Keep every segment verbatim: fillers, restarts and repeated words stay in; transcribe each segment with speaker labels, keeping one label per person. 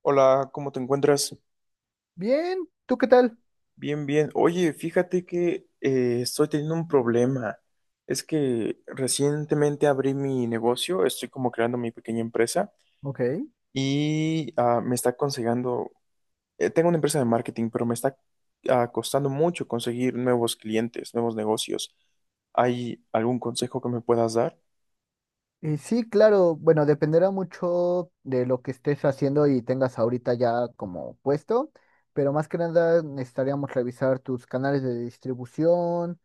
Speaker 1: Hola, ¿cómo te encuentras?
Speaker 2: Bien, ¿tú qué tal?
Speaker 1: Bien, bien. Oye, fíjate que eh, estoy teniendo un problema. Es que recientemente abrí mi negocio, estoy como creando mi pequeña empresa
Speaker 2: Ok.
Speaker 1: y ah, me está consiguiendo, eh, tengo una empresa de marketing, pero me está ah, costando mucho conseguir nuevos clientes, nuevos negocios. ¿Hay algún consejo que me puedas dar?
Speaker 2: Y sí, claro, bueno, dependerá mucho de lo que estés haciendo y tengas ahorita ya como puesto, pero más que nada necesitaríamos revisar tus canales de distribución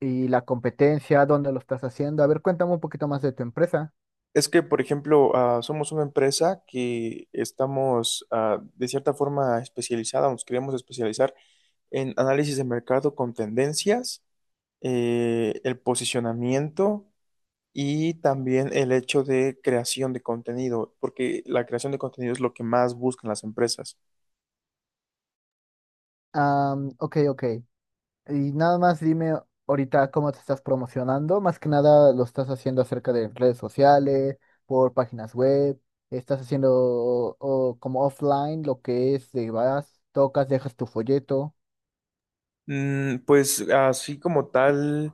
Speaker 2: y la competencia, dónde lo estás haciendo. A ver, cuéntame un poquito más de tu empresa.
Speaker 1: Es que, por ejemplo, ah, somos una empresa que estamos ah, de cierta forma especializada, nos queremos especializar en análisis de mercado con tendencias, eh, el posicionamiento y también el hecho de creación de contenido, porque la creación de contenido es lo que más buscan las empresas.
Speaker 2: Ah, ok, ok. Y nada más dime ahorita cómo te estás promocionando. Más que nada lo estás haciendo acerca de redes sociales, por páginas web. Estás haciendo o- como offline lo que es, de vas, tocas, dejas tu folleto.
Speaker 1: Mm, pues así como tal.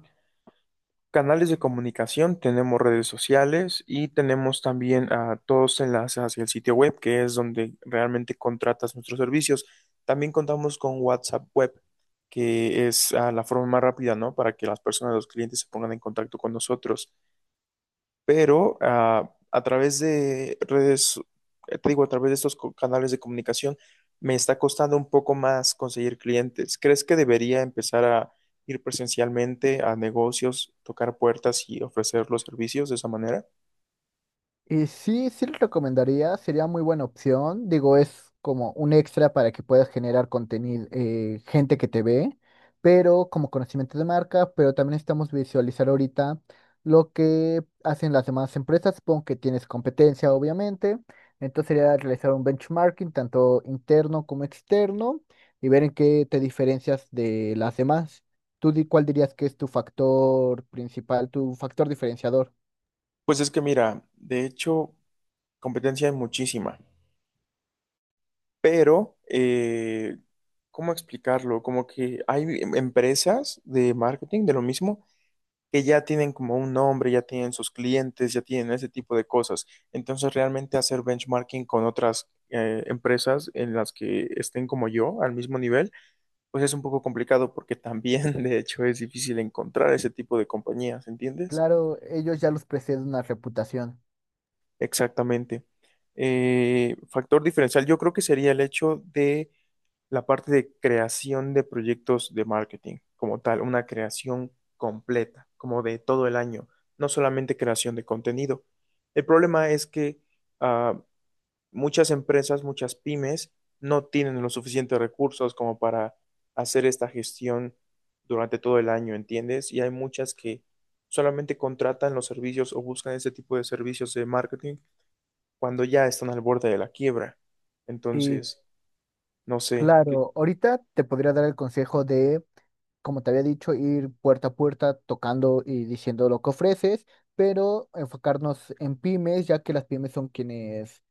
Speaker 1: Canales de comunicación, tenemos redes sociales y tenemos también a todos enlaces hacia el sitio web, que es donde realmente contratas nuestros servicios. También contamos con WhatsApp Web, que es ah, la forma más rápida, ¿no? Para que las personas, los clientes se pongan en contacto con nosotros, pero ah, a través de redes, eh, te digo, a través de estos co- canales de comunicación, me está costando un poco más conseguir clientes. ¿Crees que debería empezar a ir presencialmente a negocios, tocar puertas y ofrecer los servicios de esa manera?
Speaker 2: Y sí, sí lo recomendaría, sería muy buena opción. Digo, es como un extra para que puedas generar contenido, eh, gente que te ve, pero como conocimiento de marca, pero también necesitamos visualizar ahorita lo que hacen las demás empresas. Supongo que tienes competencia, obviamente. Entonces sería realizar un benchmarking, tanto interno como externo, y ver en qué te diferencias de las demás. ¿Tú di- cuál dirías que es tu factor principal, tu factor diferenciador?
Speaker 1: Pues es que mira, de hecho, competencia hay muchísima, pero eh, ¿cómo explicarlo? Como que hay em, empresas de marketing de lo mismo que ya tienen como un nombre, ya tienen sus clientes, ya tienen ese tipo de cosas. Entonces, realmente hacer benchmarking con otras eh, empresas en las que estén como yo al mismo nivel, pues es un poco complicado porque también, de hecho, es difícil encontrar ese tipo de compañías, ¿entiendes?
Speaker 2: Claro, ellos ya los precede una reputación.
Speaker 1: Exactamente. Eh, factor diferencial, yo creo que sería el hecho de la parte de creación de proyectos de marketing, como tal, una creación completa, como de todo el año, no solamente creación de contenido. El problema es que ah, muchas empresas, muchas pymes, no tienen los suficientes recursos como para hacer esta gestión durante todo el año, ¿entiendes? Y hay muchas que solamente contratan los servicios o buscan ese tipo de servicios de marketing cuando ya están al borde de la quiebra.
Speaker 2: Y
Speaker 1: Entonces, no sé, qué.
Speaker 2: claro, ahorita te podría dar el consejo de como te había dicho, ir puerta a puerta tocando y diciendo lo que ofreces, pero enfocarnos en pymes, ya que las pymes son quienes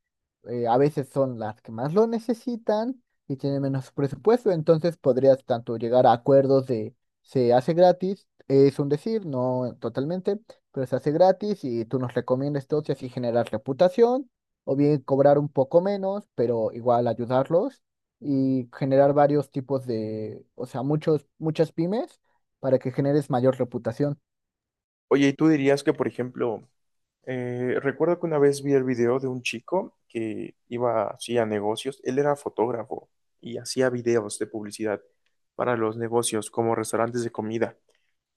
Speaker 2: eh, a veces son las que más lo necesitan y tienen menos presupuesto, entonces podrías tanto llegar a acuerdos de se hace gratis, es un decir, no totalmente, pero se hace gratis y tú nos recomiendas todo y así generar reputación, o bien cobrar un poco menos, pero igual ayudarlos y generar varios tipos de, o sea, muchos, muchas pymes para que generes mayor reputación.
Speaker 1: Oye, ¿y tú dirías que, por ejemplo, eh, recuerdo que una vez vi el video de un chico que iba así a negocios? Él era fotógrafo y hacía videos de publicidad para los negocios como restaurantes de comida.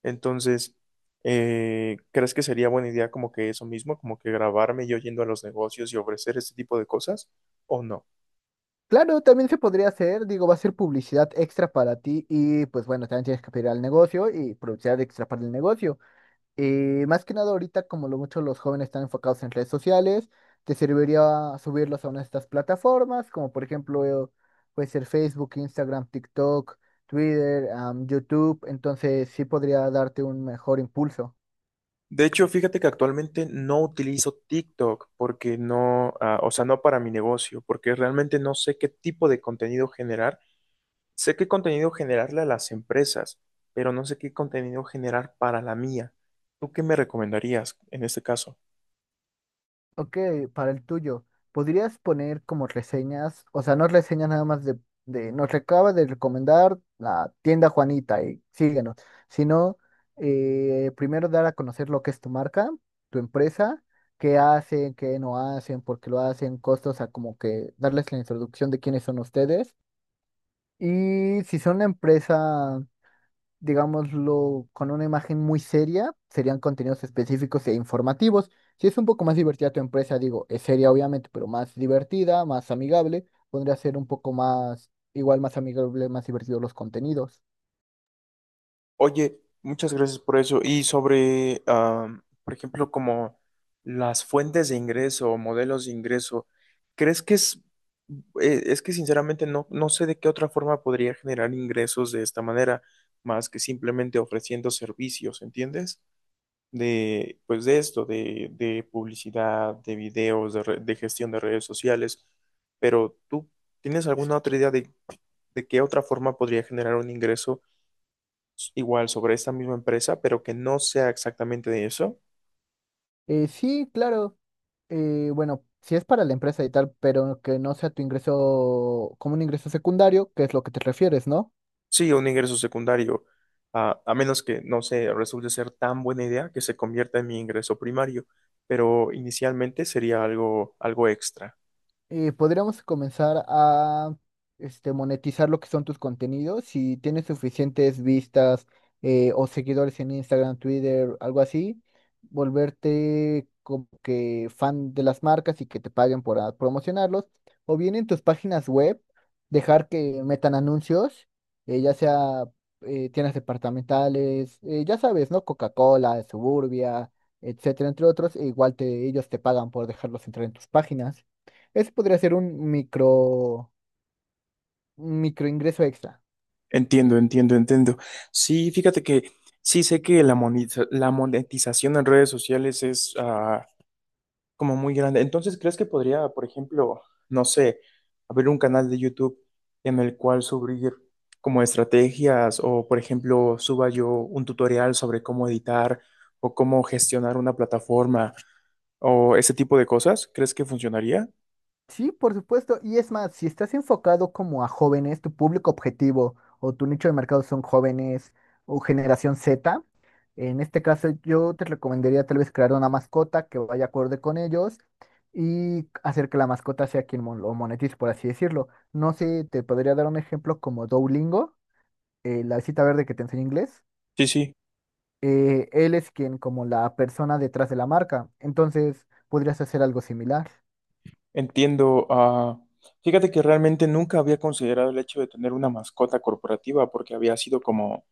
Speaker 1: Entonces, eh, ¿crees que sería buena idea como que eso mismo, como que grabarme yo yendo a los negocios y ofrecer este tipo de cosas o no?
Speaker 2: Claro, también se podría hacer, digo, va a ser publicidad extra para ti y pues bueno, también tienes que pedir al negocio y publicidad extra para el negocio. Eh, más que nada ahorita, como lo mucho los jóvenes están enfocados en redes sociales, te serviría subirlos a una de estas plataformas, como por ejemplo, eh, puede ser Facebook, Instagram, TikTok, Twitter, am, YouTube, entonces sí podría darte un mejor impulso.
Speaker 1: De hecho, fíjate que actualmente no utilizo TikTok porque no, ah, o sea, no para mi negocio, porque realmente no sé qué tipo de contenido generar. Sé qué contenido generarle a las empresas, pero no sé qué contenido generar para la mía. ¿Tú qué me recomendarías en este caso?
Speaker 2: Ok, para el tuyo, ¿podrías poner como reseñas, o sea, no reseñas nada más de, de nos acaba de recomendar la tienda Juanita y síguenos, sino eh, primero dar a conocer lo que es tu marca, tu empresa, qué hacen, qué no hacen, por qué lo hacen, costos, o sea, como que darles la introducción de quiénes son ustedes. Y si son una empresa digámoslo, con una imagen muy seria, serían contenidos específicos e informativos. Si es un poco más divertida tu empresa, digo, es seria obviamente, pero más divertida, más amigable, podría ser un poco más, igual más amigable, más divertido los contenidos.
Speaker 1: Oye, muchas gracias por eso. Y sobre, ah, por ejemplo, como las fuentes de ingreso o modelos de ingreso, ¿crees que es, eh, es que sinceramente no, no sé de qué otra forma podría generar ingresos de esta manera, más que simplemente ofreciendo servicios, ¿entiendes? De, pues de esto, de, de publicidad, de videos, de, re- de gestión de redes sociales, pero ¿tú tienes alguna otra idea de, de qué otra forma podría generar un ingreso s- igual sobre esta misma empresa, pero que no sea exactamente de eso?
Speaker 2: Eh, sí, claro. Eh, bueno, si es para la empresa y tal, pero que no sea tu ingreso como un ingreso secundario, que es lo que te refieres, ¿no?
Speaker 1: Sí, un ingreso secundario, a, a menos que, no sé, resulte ser tan buena idea que se convierta en mi ingreso primario, pero inicialmente sería algo, algo extra.
Speaker 2: Eh, podríamos comenzar a este, monetizar lo que son tus contenidos. Si tienes suficientes vistas eh, o seguidores en Instagram, Twitter, algo así, volverte como que fan de las marcas y que te paguen por ah, promocionarlos. O bien en tus páginas web, dejar que metan anuncios, eh, ya sea eh, tiendas departamentales, eh, ya sabes, ¿no? Coca-Cola, Suburbia, etcétera, entre otros. E igual te, ellos te pagan por dejarlos entrar en tus páginas. Ese podría ser un micro, un micro ingreso extra.
Speaker 1: Entiendo, entiendo, entiendo. Sí, fíjate que sí sé que la monetiza- la monetización en redes sociales es, ah, como muy grande. Entonces, ¿crees que podría, por ejemplo, no sé, abrir un canal de YouTube en el cual subir como estrategias o, por ejemplo, suba yo un tutorial sobre cómo editar o cómo gestionar una plataforma o ese tipo de cosas? ¿Crees que funcionaría?
Speaker 2: Sí, por supuesto. Y es más, si estás enfocado como a jóvenes, tu público objetivo o tu nicho de mercado son jóvenes o generación zeta, en este caso yo te recomendaría tal vez crear una mascota que vaya acorde con ellos y hacer que la mascota sea quien mon- lo monetice, por así decirlo. No sé, te podría dar un ejemplo como Duolingo, eh, la visita verde que te enseña inglés.
Speaker 1: Sí, sí.
Speaker 2: Eh, él es quien como la persona detrás de la marca. Entonces, podrías hacer algo similar.
Speaker 1: Entiendo. Ah, fíjate que realmente nunca había considerado el hecho de tener una mascota corporativa porque había sido como,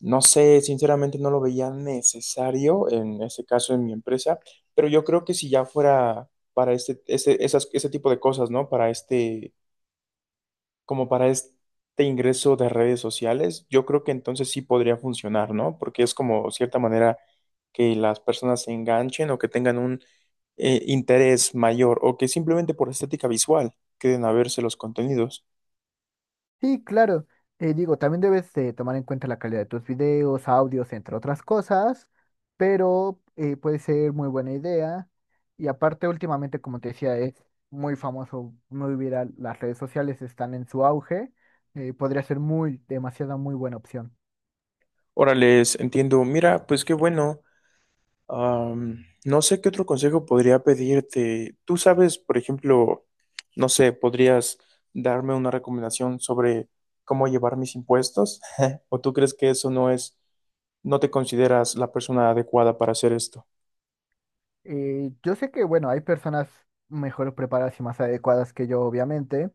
Speaker 1: no sé, sinceramente no lo veía necesario en ese caso en mi empresa, pero yo creo que si ya fuera para este, ese, esas, ese tipo de cosas, ¿no? Para este, como para este ingreso de redes sociales, yo creo que entonces sí podría funcionar, ¿no? Porque es como cierta manera que las personas se enganchen o que tengan un eh, interés mayor o que simplemente por estética visual queden a verse los contenidos.
Speaker 2: Sí, claro. Eh, digo, también debes eh, tomar en cuenta la calidad de tus videos, audios, entre otras cosas, pero eh, puede ser muy buena idea. Y aparte, últimamente, como te decía, es muy famoso, muy viral. Las redes sociales están en su auge. Eh, podría ser muy, demasiada, muy buena opción.
Speaker 1: Órales, entiendo. Mira, pues qué bueno. Am, no sé qué otro consejo podría pedirte. Tú sabes, por ejemplo, no sé, podrías darme una recomendación sobre cómo llevar mis impuestos, o tú crees que eso no es, no te consideras la persona adecuada para hacer esto.
Speaker 2: Eh, yo sé que, bueno, hay personas mejor preparadas y más adecuadas que yo, obviamente,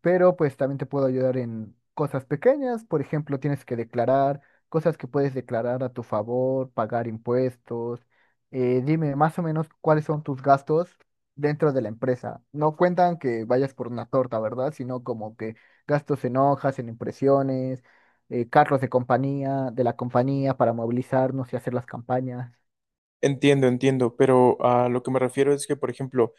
Speaker 2: pero pues también te puedo ayudar en cosas pequeñas. Por ejemplo, tienes que declarar cosas que puedes declarar a tu favor, pagar impuestos. Eh, dime más o menos cuáles son tus gastos dentro de la empresa. No cuentan que vayas por una torta, ¿verdad? Sino como que gastos en hojas, en impresiones, eh, carros de compañía, de la compañía para movilizarnos y hacer las campañas.
Speaker 1: Entiendo, entiendo, pero a lo que me refiero es que, por ejemplo,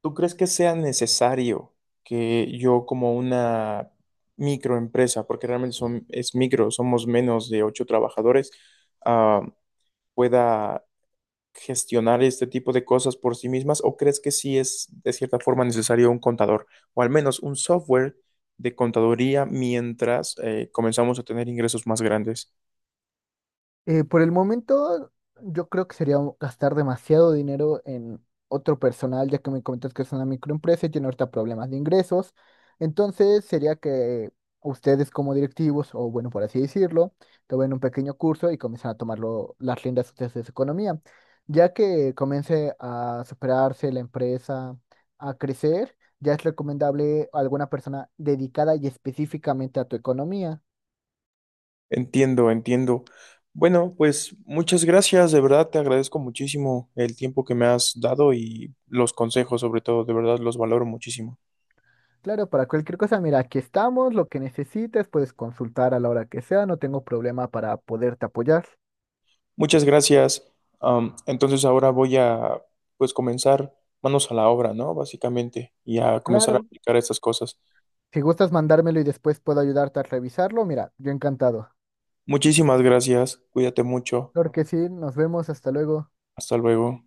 Speaker 1: ¿tú crees que sea necesario que yo como una microempresa, porque realmente son, es micro, somos menos de ocho trabajadores, ah, pueda gestionar este tipo de cosas por sí mismas o crees que sí es de cierta forma necesario un contador o al menos un software de contaduría mientras eh, comenzamos a tener ingresos más grandes?
Speaker 2: Eh, por el momento, yo creo que sería un- gastar demasiado dinero en otro personal, ya que me comentas que es una microempresa y tiene ahorita problemas de ingresos. Entonces, sería que ustedes como directivos, o bueno, por así decirlo, tomen un pequeño curso y comiencen a tomar las riendas ustedes de su economía, ya que comience a superarse la empresa, a crecer. Ya es recomendable alguna persona dedicada y específicamente a tu economía.
Speaker 1: Entiendo, entiendo. Bueno, pues muchas gracias, de verdad te agradezco muchísimo el tiempo que me has dado y los consejos, sobre todo, de verdad los valoro muchísimo.
Speaker 2: Claro, para cualquier cosa, mira, aquí estamos, lo que necesites, puedes consultar a la hora que sea, no tengo problema para poderte apoyar.
Speaker 1: Muchas gracias. Am, entonces ahora voy a pues comenzar manos a la obra, ¿no? Básicamente, y a comenzar a
Speaker 2: Claro,
Speaker 1: aplicar estas cosas.
Speaker 2: si gustas mandármelo y después puedo ayudarte a revisarlo, mira, yo encantado.
Speaker 1: Muchísimas gracias. Cuídate mucho.
Speaker 2: Claro que sí, nos vemos, hasta luego.
Speaker 1: Hasta luego.